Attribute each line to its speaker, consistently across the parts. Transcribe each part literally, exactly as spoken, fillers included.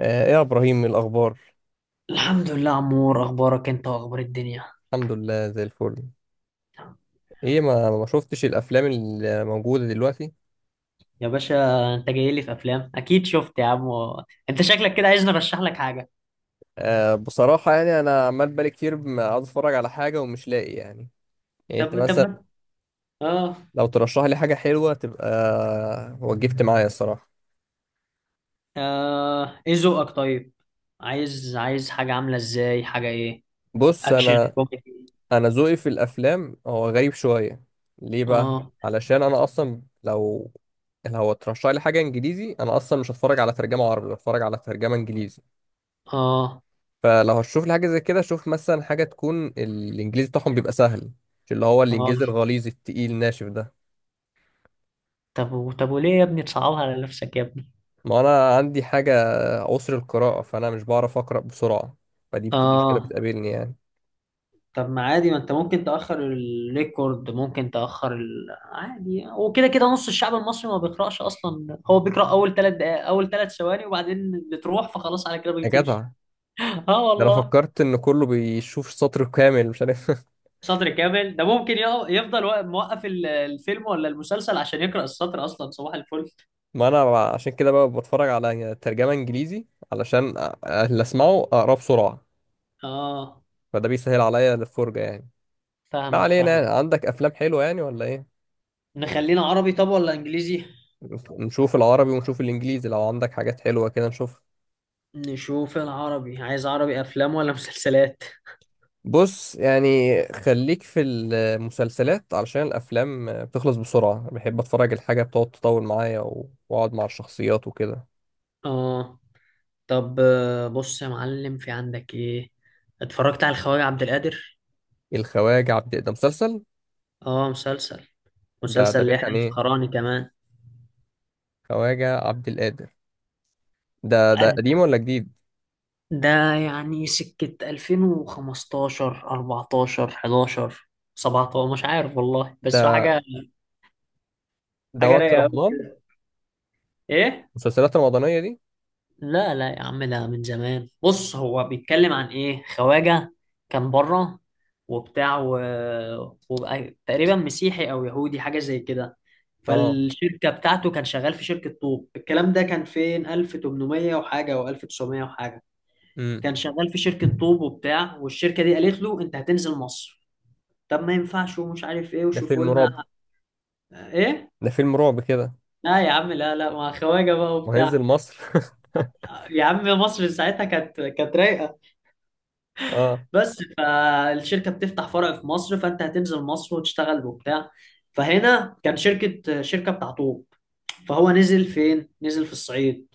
Speaker 1: آه، ايه يا ابراهيم الاخبار؟
Speaker 2: الحمد لله عمور، اخبارك انت واخبار الدنيا؟
Speaker 1: الحمد لله زي الفل. ايه، ما ما شفتش الافلام اللي موجوده دلوقتي؟
Speaker 2: يا باشا، انت جاي لي في افلام؟ اكيد شفت يا عم. انت شكلك كده عايزني ارشح لك حاجه.
Speaker 1: أه بصراحه يعني انا عمال بقالي كتير ما عاوز اتفرج على حاجه ومش لاقي يعني. يعني انت
Speaker 2: طب طب،
Speaker 1: مثلا
Speaker 2: ما- اه.
Speaker 1: لو ترشح لي حاجه حلوه تبقى وجبت معايا الصراحه.
Speaker 2: اه، ايه ذوقك طيب؟ عايز عايز حاجه عامله ازاي؟ حاجه ايه؟
Speaker 1: بص
Speaker 2: اكشن
Speaker 1: انا،
Speaker 2: كوميدي؟
Speaker 1: انا ذوقي في الافلام هو غريب شويه. ليه بقى؟
Speaker 2: اه.
Speaker 1: علشان انا اصلا لو، لو ترشح لي حاجه انجليزي انا اصلا مش هتفرج على ترجمه عربي، هتفرج على ترجمه انجليزي.
Speaker 2: اه.
Speaker 1: فلو هتشوف لي حاجه زي كده شوف مثلا حاجه تكون الانجليزي بتاعهم بيبقى سهل، مش اللي هو الانجليزي
Speaker 2: اه.
Speaker 1: الغليظ التقيل الناشف ده.
Speaker 2: طب و- طب وليه يا ابني تصعبها على نفسك يا ابني؟
Speaker 1: ما انا عندي حاجه عسر القراءه فانا مش بعرف اقرا بسرعه. فدي بت- مشكله
Speaker 2: اه.
Speaker 1: بتقابلني يعني.
Speaker 2: طب ما عادي، ما انت ممكن تأخر الريكورد، ممكن تأخر ال... عادي. وكده كده نص الشعب المصري ما بيقرأش أصلا، هو بيقرأ أول ثلاث دقائق، أول ثلاث ثواني وبعدين بتروح، فخلاص على كده
Speaker 1: يا
Speaker 2: بيطير.
Speaker 1: جدع،
Speaker 2: اه
Speaker 1: ده انا
Speaker 2: والله.
Speaker 1: فكرت ان كله بيشوف سطر كامل، مش عارف.
Speaker 2: سطر كامل ده ممكن يق- يفضل واقف- موقف ال- الفيلم ولا المسلسل عشان يقرأ السطر أصلا. صباح الفل.
Speaker 1: ما انا ب- عشان كده بقى بتفرج على ترجمه انجليزي، علشان أ- اللي اسمعه اقراه بسرعه.
Speaker 2: اه،
Speaker 1: فده بيسهل عليا الفرجه يعني. ما
Speaker 2: فاهمك
Speaker 1: علينا يعني.
Speaker 2: فاهم.
Speaker 1: عندك افلام حلوه يعني ولا ايه؟
Speaker 2: نخلينا عربي طب ولا إنجليزي؟
Speaker 1: نشوف العربي ونشوف الانجليزي، لو عندك حاجات حلوة كده نشوف.
Speaker 2: نشوف العربي، عايز عربي أفلام ولا مسلسلات؟
Speaker 1: بص يعني، خليك في المسلسلات علشان الافلام بتخلص بسرعة، بحب اتفرج الحاجة بتقعد تطول معايا و- واقعد مع الشخصيات وكده.
Speaker 2: اه. طب آه، بص يا معلم، في عندك ايه؟ اتفرجت على الخواجة عبد القادر؟
Speaker 1: الخواجة عبد ده مسلسل؟
Speaker 2: اه مسلسل،
Speaker 1: ده ده
Speaker 2: مسلسل
Speaker 1: بيحكي
Speaker 2: يحيى
Speaker 1: عن ايه؟
Speaker 2: الفخراني كمان.
Speaker 1: خواجة عبد القادر ده ده
Speaker 2: قد-
Speaker 1: قديم ولا جديد؟
Speaker 2: ده يعني سكة ألفين وخمستاشر أربعتاشر حداشر سبعة عشر، مش عارف والله، بس هو
Speaker 1: ده
Speaker 2: حاجة،
Speaker 1: ده
Speaker 2: حاجة
Speaker 1: وقت
Speaker 2: رايقة أوي
Speaker 1: رمضان،
Speaker 2: كده. ايه؟
Speaker 1: المسلسلات الرمضانية دي؟
Speaker 2: لا لا يا عم، ده من زمان. بص، هو بيتكلم عن ايه؟ خواجة كان بره وبتاع و... وبقى تقريبا مسيحي او يهودي، حاجة زي كده.
Speaker 1: اه.
Speaker 2: فالشركة بتاعته، كان شغال في شركة طوب. الكلام ده كان فين؟ ألف وتمنمية وحاجة او ألف وتسعمائة وحاجة.
Speaker 1: امم.
Speaker 2: كان شغال في شركة طوب وبتاع، والشركة دي قالت له انت هتنزل مصر. طب ما ينفعش ومش عارف ايه
Speaker 1: ده
Speaker 2: وشوفوا
Speaker 1: فيلم
Speaker 2: لنا
Speaker 1: رعب؟
Speaker 2: ايه.
Speaker 1: ده فيلم رعب كده؟
Speaker 2: لا يا عم، لا لا مع خواجة بقى
Speaker 1: وهينزل
Speaker 2: وبتاع.
Speaker 1: مصر.
Speaker 2: يا عم مصر ساعتها كانت كانت رايقة.
Speaker 1: اه.
Speaker 2: بس فالشركة بتفتح فرع في مصر، فأنت هتنزل مصر وتشتغل وبتاع. فهنا كان شركة شركة بتاع طوب. فهو نزل فين؟ نزل في الصعيد،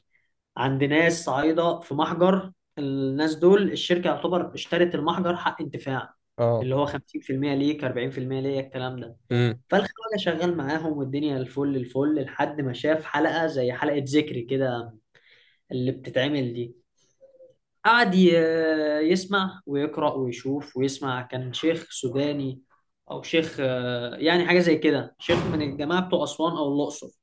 Speaker 2: عند ناس صعيدة، في محجر. الناس دول الشركة يعتبر اشترت المحجر حق انتفاع،
Speaker 1: اه.
Speaker 2: اللي هو خمسين في المية، ليك أربعين في المية، ليا الكلام ده.
Speaker 1: امم.
Speaker 2: فالخواجة شغال معاهم والدنيا الفل الفل، لحد ما شاف حلقة زي حلقة ذكري كده، اللي بتتعمل دي. قعد ي- يسمع ويقرأ ويشوف ويسمع. كان شيخ سوداني، أو شيخ آه، يعني حاجة زي كده، شيخ من الجماعة بتوع أسوان أو الأقصر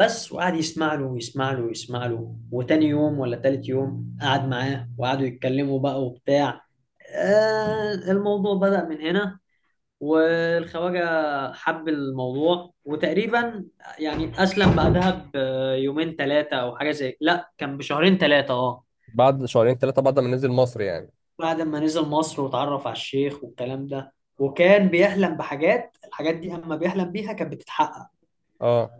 Speaker 2: بس. وقعد يسمع له ويسمع له ويسمع له، وتاني يوم ولا تالت يوم قعد معاه وقعدوا يتكلموا بقى وبتاع. آه، الموضوع بدأ من هنا. والخواجة حب الموضوع، وتقريبا يعني أسلم بعدها بيومين ثلاثة أو حاجة زي، لا كان بشهرين ثلاثة، أه.
Speaker 1: بعد شهرين ثلاثة، بعد ما نزل مصر يعني؟
Speaker 2: بعد ما نزل مصر واتعرف على الشيخ والكلام ده، وكان بيحلم بحاجات، الحاجات دي اما بيحلم بيها كانت بتتحقق.
Speaker 1: اه.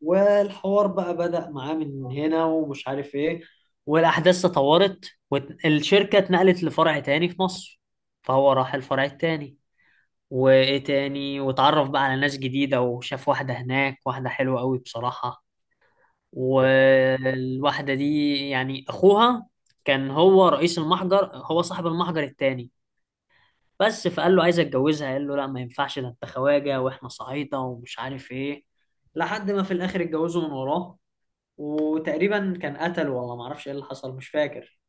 Speaker 2: والحوار بقى بدأ معاه من هنا ومش عارف ايه، والاحداث تطورت، والشركة اتنقلت لفرع تاني في مصر. فهو راح الفرع التاني، وايه تاني، واتعرف بقى على ناس جديدة، وشاف واحدة هناك، واحدة حلوة قوي بصراحة. والواحدة دي يعني اخوها كان هو رئيس المحجر، هو صاحب المحجر التاني بس. فقال له عايز اتجوزها، قال له لا ما ينفعش، ده انت خواجه واحنا صعيده ومش عارف ايه. لحد ما في الاخر اتجوزوا من وراه، وتقريبا كان قتل، والله ما اعرفش ايه اللي حصل، مش فاكر.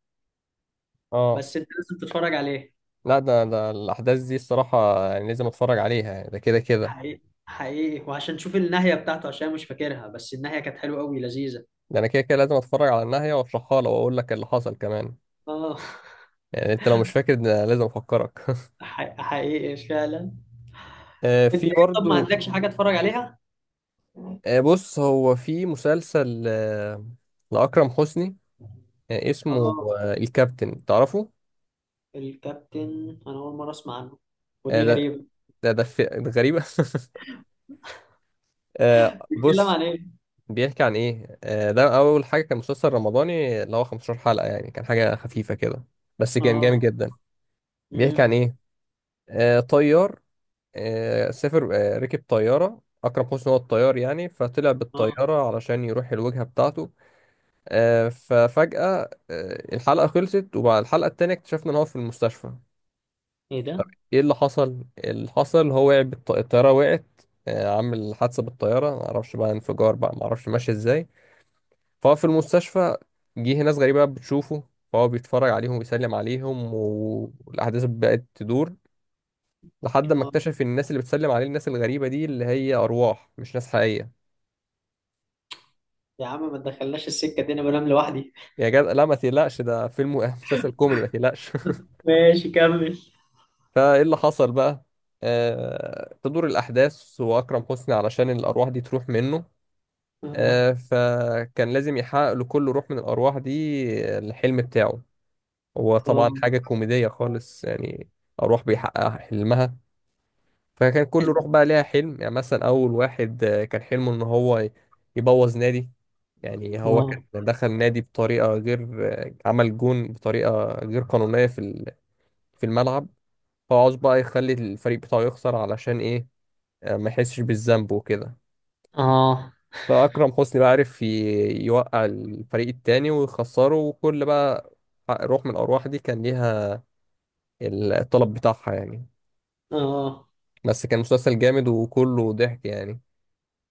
Speaker 1: اه.
Speaker 2: بس انت لازم تتفرج عليه.
Speaker 1: لا، ده ده الأحداث دي الصراحة يعني لازم أتفرج عليها يعني، ده كده كده.
Speaker 2: حقيقي حقيقي، وعشان تشوف النهايه بتاعته، عشان مش فاكرها، بس النهايه كانت حلوه قوي لذيذه.
Speaker 1: ده أنا كده كده لازم أتفرج على النهاية وأشرحها لك وأقول لك اللي حصل كمان.
Speaker 2: اه،
Speaker 1: يعني أنت لو مش فاكر ده لازم أفكرك.
Speaker 2: حقيقي حقيقي فعلا.
Speaker 1: آه،
Speaker 2: انت
Speaker 1: في
Speaker 2: ايه؟ طب ما
Speaker 1: برضو.
Speaker 2: عندكش حاجه اتفرج عليها؟
Speaker 1: آه بص، هو في مسلسل، آه، لأكرم حسني. آه، اسمه،
Speaker 2: اه،
Speaker 1: آه، الكابتن، تعرفه؟
Speaker 2: الكابتن انا اول مره اسمع عنه،
Speaker 1: آه
Speaker 2: ودي
Speaker 1: ده،
Speaker 2: غريبه.
Speaker 1: ده ده, في- ده غريبة. آه
Speaker 2: بيتكلم
Speaker 1: بص،
Speaker 2: عن ايه؟
Speaker 1: بيحكي عن ايه؟ آه، ده اول حاجه كان مسلسل رمضاني اللي هو خمستاشر حلقه، يعني كان حاجه خفيفه كده بس كان جامد
Speaker 2: اه.
Speaker 1: جدا. بيحكي عن
Speaker 2: امم.
Speaker 1: ايه؟ آه، طيار، آه، سافر، آه، ركب طياره. اكرم حسني هو الطيار يعني، فطلع
Speaker 2: اه.
Speaker 1: بالطياره علشان يروح الوجهه بتاعته. آه، ففجاه، آه، الحلقه خلصت وبعد الحلقه التانيه اكتشفنا ان هو في المستشفى.
Speaker 2: ايه
Speaker 1: طب
Speaker 2: ده؟
Speaker 1: ايه اللي حصل؟ اللي حصل هو وقع بالط- الطياره وقعت، آه، عامل حادثه بالطياره، معرفش بقى انفجار بقى معرفش ماشي ازاي. فهو في المستشفى، جه ناس غريبة بتشوفه، فهو بيتفرج عليهم وبيسلم عليهم والأحداث بقت تدور لحد ما
Speaker 2: اه،
Speaker 1: اكتشف إن الناس اللي بتسلم عليه، الناس الغريبة دي، اللي هي أرواح مش ناس حقيقية.
Speaker 2: يا عم ما تدخلناش السكة دي، انا بنام لوحدي.
Speaker 1: يا جدع لا ما تقلقش، ده فيلم و- مسلسل كوميدي، ما تقلقش.
Speaker 2: ماشي كمل.
Speaker 1: فإيه اللي حصل بقى؟ آه... تدور الأحداث، وأكرم حسني علشان الأرواح دي تروح منه،
Speaker 2: اه.
Speaker 1: آه... فكان لازم يحقق لكل روح من الأرواح دي الحلم بتاعه. هو
Speaker 2: اه.
Speaker 1: طبعا حاجة كوميدية خالص يعني، أرواح بيحقق حلمها. فكان كله روح بقى ليها حلم، يعني مثلا اول واحد، آه، كان حلمه ان هو ي- يبوظ نادي. يعني هو
Speaker 2: اه.
Speaker 1: كان دخل نادي بطريقه غير، آه، عمل جون بطريقه غير قانونيه في ال- في الملعب. فهو عاوز بقى يخلي الفريق بتاعه يخسر، علشان ايه؟ آه، ما يحسش بالذنب وكده.
Speaker 2: اه.
Speaker 1: فاكرم حسني بقى عرف ي- يوقع الفريق التاني ويخسره، وكل بقى روح من الارواح دي كان ليها الطلب بتاعها يعني.
Speaker 2: اه.
Speaker 1: بس كان مسلسل جامد وكله ضحك يعني.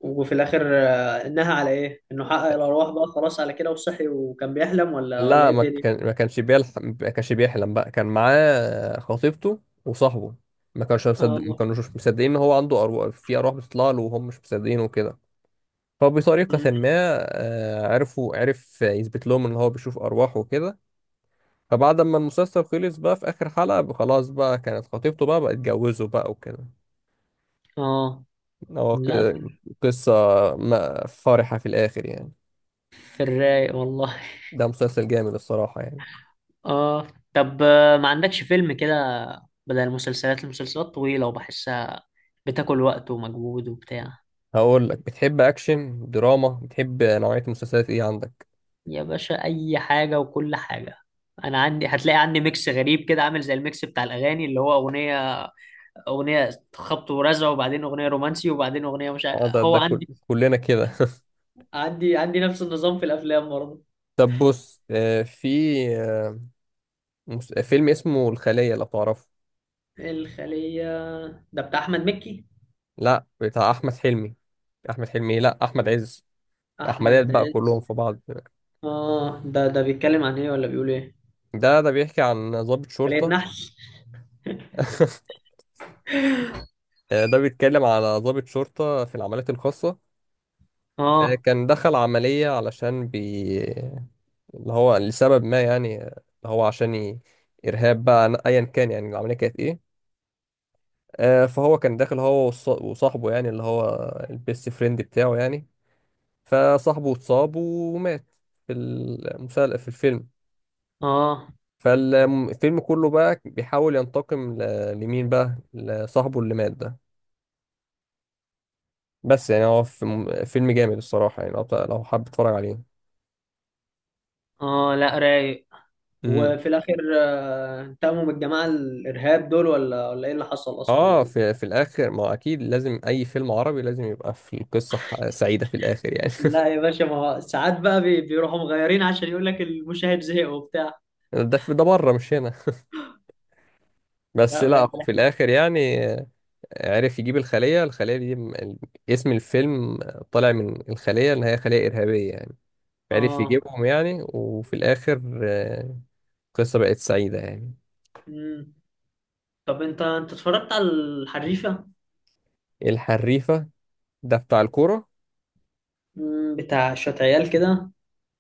Speaker 2: وفي الاخر آه، انها على ايه؟ انه حقق الارواح بقى خلاص على كده وصحي وكان بيحلم، ولا ولا
Speaker 1: لا،
Speaker 2: ايه
Speaker 1: ما
Speaker 2: الدنيا؟
Speaker 1: كان ما كانش بيلحق، ما كانش بيحلم بقى، كان معاه خطيبته وصاحبه. ما كانش مصدق، ما
Speaker 2: اه.
Speaker 1: كانوش مصدقين ان هو عنده أرواح، في أرواح بتطلع له وهم مش مصدقين وكده.
Speaker 2: مم.
Speaker 1: فبطريقة ما، آه، عرفوا عرف يثبت لهم ان هو بيشوف أرواح وكده. فبعد ما المسلسل خلص بقى في آخر حلقة، خلاص بقى كانت خطيبته بقى، بقى اتجوزوا بقى وكده.
Speaker 2: اه.
Speaker 1: هو
Speaker 2: لا.
Speaker 1: ك-
Speaker 2: في
Speaker 1: قصة ما- فرحة في الآخر يعني.
Speaker 2: في الرايق والله.
Speaker 1: ده مسلسل جامد الصراحة يعني.
Speaker 2: اه، طب آه، ما عندكش فيلم كده؟ بدل المسلسلات، المسلسلات طويلة وبحسها بتاكل وقت ومجهود وبتاع.
Speaker 1: هقول لك، بتحب اكشن دراما، بتحب نوعية مسلسلات ايه عندك؟
Speaker 2: يا باشا اي حاجه وكل حاجه. انا عندي، هتلاقي عندي ميكس غريب كده، عامل زي الميكس بتاع الاغاني، اللي هو اغنيه، اغنيه خبط ورزع، وبعدين اغنيه رومانسي، وبعدين اغنيه مش عارف.
Speaker 1: اه ده
Speaker 2: هو
Speaker 1: ده كل...
Speaker 2: عندي
Speaker 1: كلنا كده.
Speaker 2: عندي عندي نفس النظام في الافلام برضه.
Speaker 1: طب بص، آه، في، آه، مس- فيلم اسمه الخلية، لو تعرفه.
Speaker 2: الخليه؟ ده بتاع احمد مكي؟
Speaker 1: لا بتاع احمد حلمي. احمد حلمي، لا احمد عز.
Speaker 2: احمد
Speaker 1: احمدات بقى
Speaker 2: عز؟
Speaker 1: كلهم في بعض.
Speaker 2: اه، ده ده بيتكلم عن ايه ولا بيقول ايه؟
Speaker 1: ده ده بيحكي عن ضابط
Speaker 2: خليه
Speaker 1: شرطة.
Speaker 2: نحل؟
Speaker 1: آه، ده بيتكلم على ضابط شرطة في العمليات الخاصة. آه،
Speaker 2: اه.
Speaker 1: كان دخل عملية علشان بي اللي هو لسبب ما يعني، آه، اللي هو عشان ي... إرهاب بقى أنا- أيا كان يعني العملية كانت إيه. آه، فهو كان داخل، هو والص- وصاحبه يعني، اللي هو البيست فريند بتاعه يعني. فصاحبه اتصاب ومات في المسلسل، في الفيلم.
Speaker 2: اه.
Speaker 1: فالفيلم كله بقى بيحاول ينتقم ل- لمين بقى؟ لصاحبه اللي مات ده. بس يعني هو في- فيلم جامد الصراحة يعني، لو لو حابب تتفرج عليه.
Speaker 2: اه. لا رايق.
Speaker 1: مم.
Speaker 2: وفي الاخر آه، انتقموا من الجماعه الارهاب دول، ولا ولا ايه اللي حصل
Speaker 1: اه،
Speaker 2: اصلا؟
Speaker 1: في في الاخر ما اكيد لازم اي فيلم عربي لازم يبقى في القصه ح- سعيده في الاخر يعني.
Speaker 2: لا يا باشا، ما هو ساعات بقى بي- بيروحوا مغيرين، عشان يقول لك المشاهد زهق وبتاع.
Speaker 1: ده في ده بره مش هنا. بس
Speaker 2: لا
Speaker 1: لا
Speaker 2: باين
Speaker 1: في
Speaker 2: عليك.
Speaker 1: الاخر يعني، آه، عرف يجيب الخليه. الخليه دي، م- ال- اسم الفيلم، طالع من الخليه اللي هي خليه ارهابيه يعني. عرف
Speaker 2: اه.
Speaker 1: يجيبهم يعني، وفي الاخر، آه، القصه بقت سعيده يعني.
Speaker 2: مم. طب انت انت اتفرجت على الحريفه؟
Speaker 1: الحريفه؟ ده بتاع الكوره.
Speaker 2: مم. بتاع شويه عيال كده،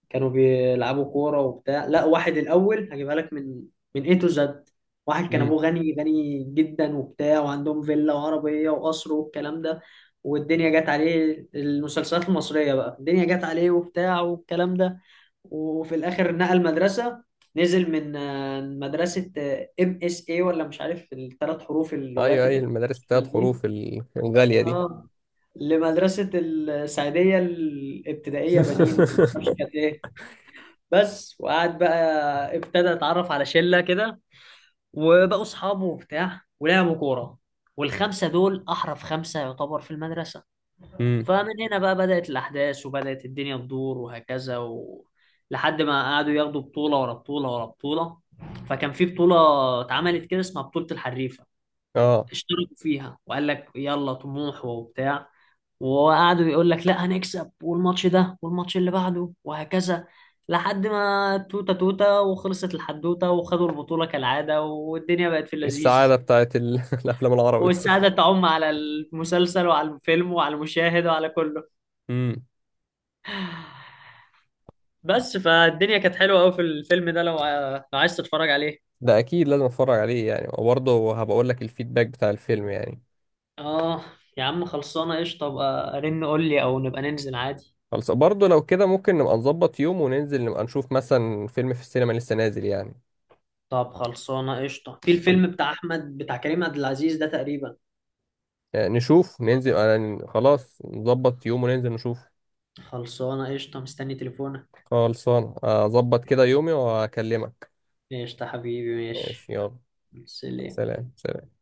Speaker 2: كانوا بيلعبوا كوره وبتاع. لا، واحد الاول هجيبها لك من من اي تو زد. واحد كان
Speaker 1: امم.
Speaker 2: ابوه غني غني جدا وبتاع، وعندهم فيلا وعربيه وقصر والكلام ده. والدنيا جت عليه المسلسلات المصريه بقى، الدنيا جت عليه وبتاع والكلام ده. وفي الاخر نقل مدرسه، نزل من آه، مدرسه ام اس اي ولا مش عارف، الثلاث حروف اللغات
Speaker 1: ايوه، اي ايوه المدارس الثلاث
Speaker 2: الانترناشونال دي.
Speaker 1: حروف ال- الغاليه دي.
Speaker 2: اه. لمدرسه السعيديه الابتدائيه بنين ولا ما اعرفش كانت ايه. بس، وقعد بقى ابتدى اتعرف على شله كده، وبقوا اصحابه وبتاع ولعبوا كوره. والخمسه دول احرف خمسه يعتبر في المدرسه.
Speaker 1: امم.
Speaker 2: فمن هنا بقى بدأت الأحداث، وبدأت الدنيا تدور، وهكذا و... لحد ما قعدوا ياخدوا بطولة ورا بطولة ورا بطولة. فكان في بطولة اتعملت كده اسمها بطولة الحريفة،
Speaker 1: اه.
Speaker 2: اشتركوا فيها وقال لك يلا طموح وبتاع. وقعدوا يقول لك لا هنكسب، والماتش ده والماتش اللي بعده، وهكذا، لحد ما توتة توتة وخلصت الحدوتة، وخدوا البطولة كالعادة، والدنيا بقت في اللذيذ،
Speaker 1: السعادة بتاعت ال... الأفلام العربي.
Speaker 2: والسعادة تعم على المسلسل وعلى الفيلم وعلى المشاهد وعلى كله.
Speaker 1: امم.
Speaker 2: بس فالدنيا كانت حلوه قوي في الفيلم ده، لو ع- لو عايز تتفرج عليه.
Speaker 1: ده أكيد لازم أتفرج عليه يعني، وبرضه هبقى أقول لك الفيدباك بتاع الفيلم يعني.
Speaker 2: اه، يا عم خلصانه قشطه، ابقى رن قول لي او نبقى ننزل عادي.
Speaker 1: خلاص، برضه لو كده ممكن نبقى نظبط يوم وننزل نبقى نشوف مثلا فيلم في السينما لسه نازل يعني.
Speaker 2: طب خلصانه قشطه، في
Speaker 1: خل-
Speaker 2: الفيلم بتاع احمد بتاع كريم عبد العزيز ده تقريبا.
Speaker 1: يعني نشوف ننزل، أنا خلاص نظبط يوم وننزل نشوف.
Speaker 2: خلصانه قشطه، مستني تليفونك.
Speaker 1: خلصان، أظبط كده يومي وأكلمك.
Speaker 2: قشطه حبيبي، ماشي.
Speaker 1: ماشي، يلا.
Speaker 2: سلام.
Speaker 1: سلام.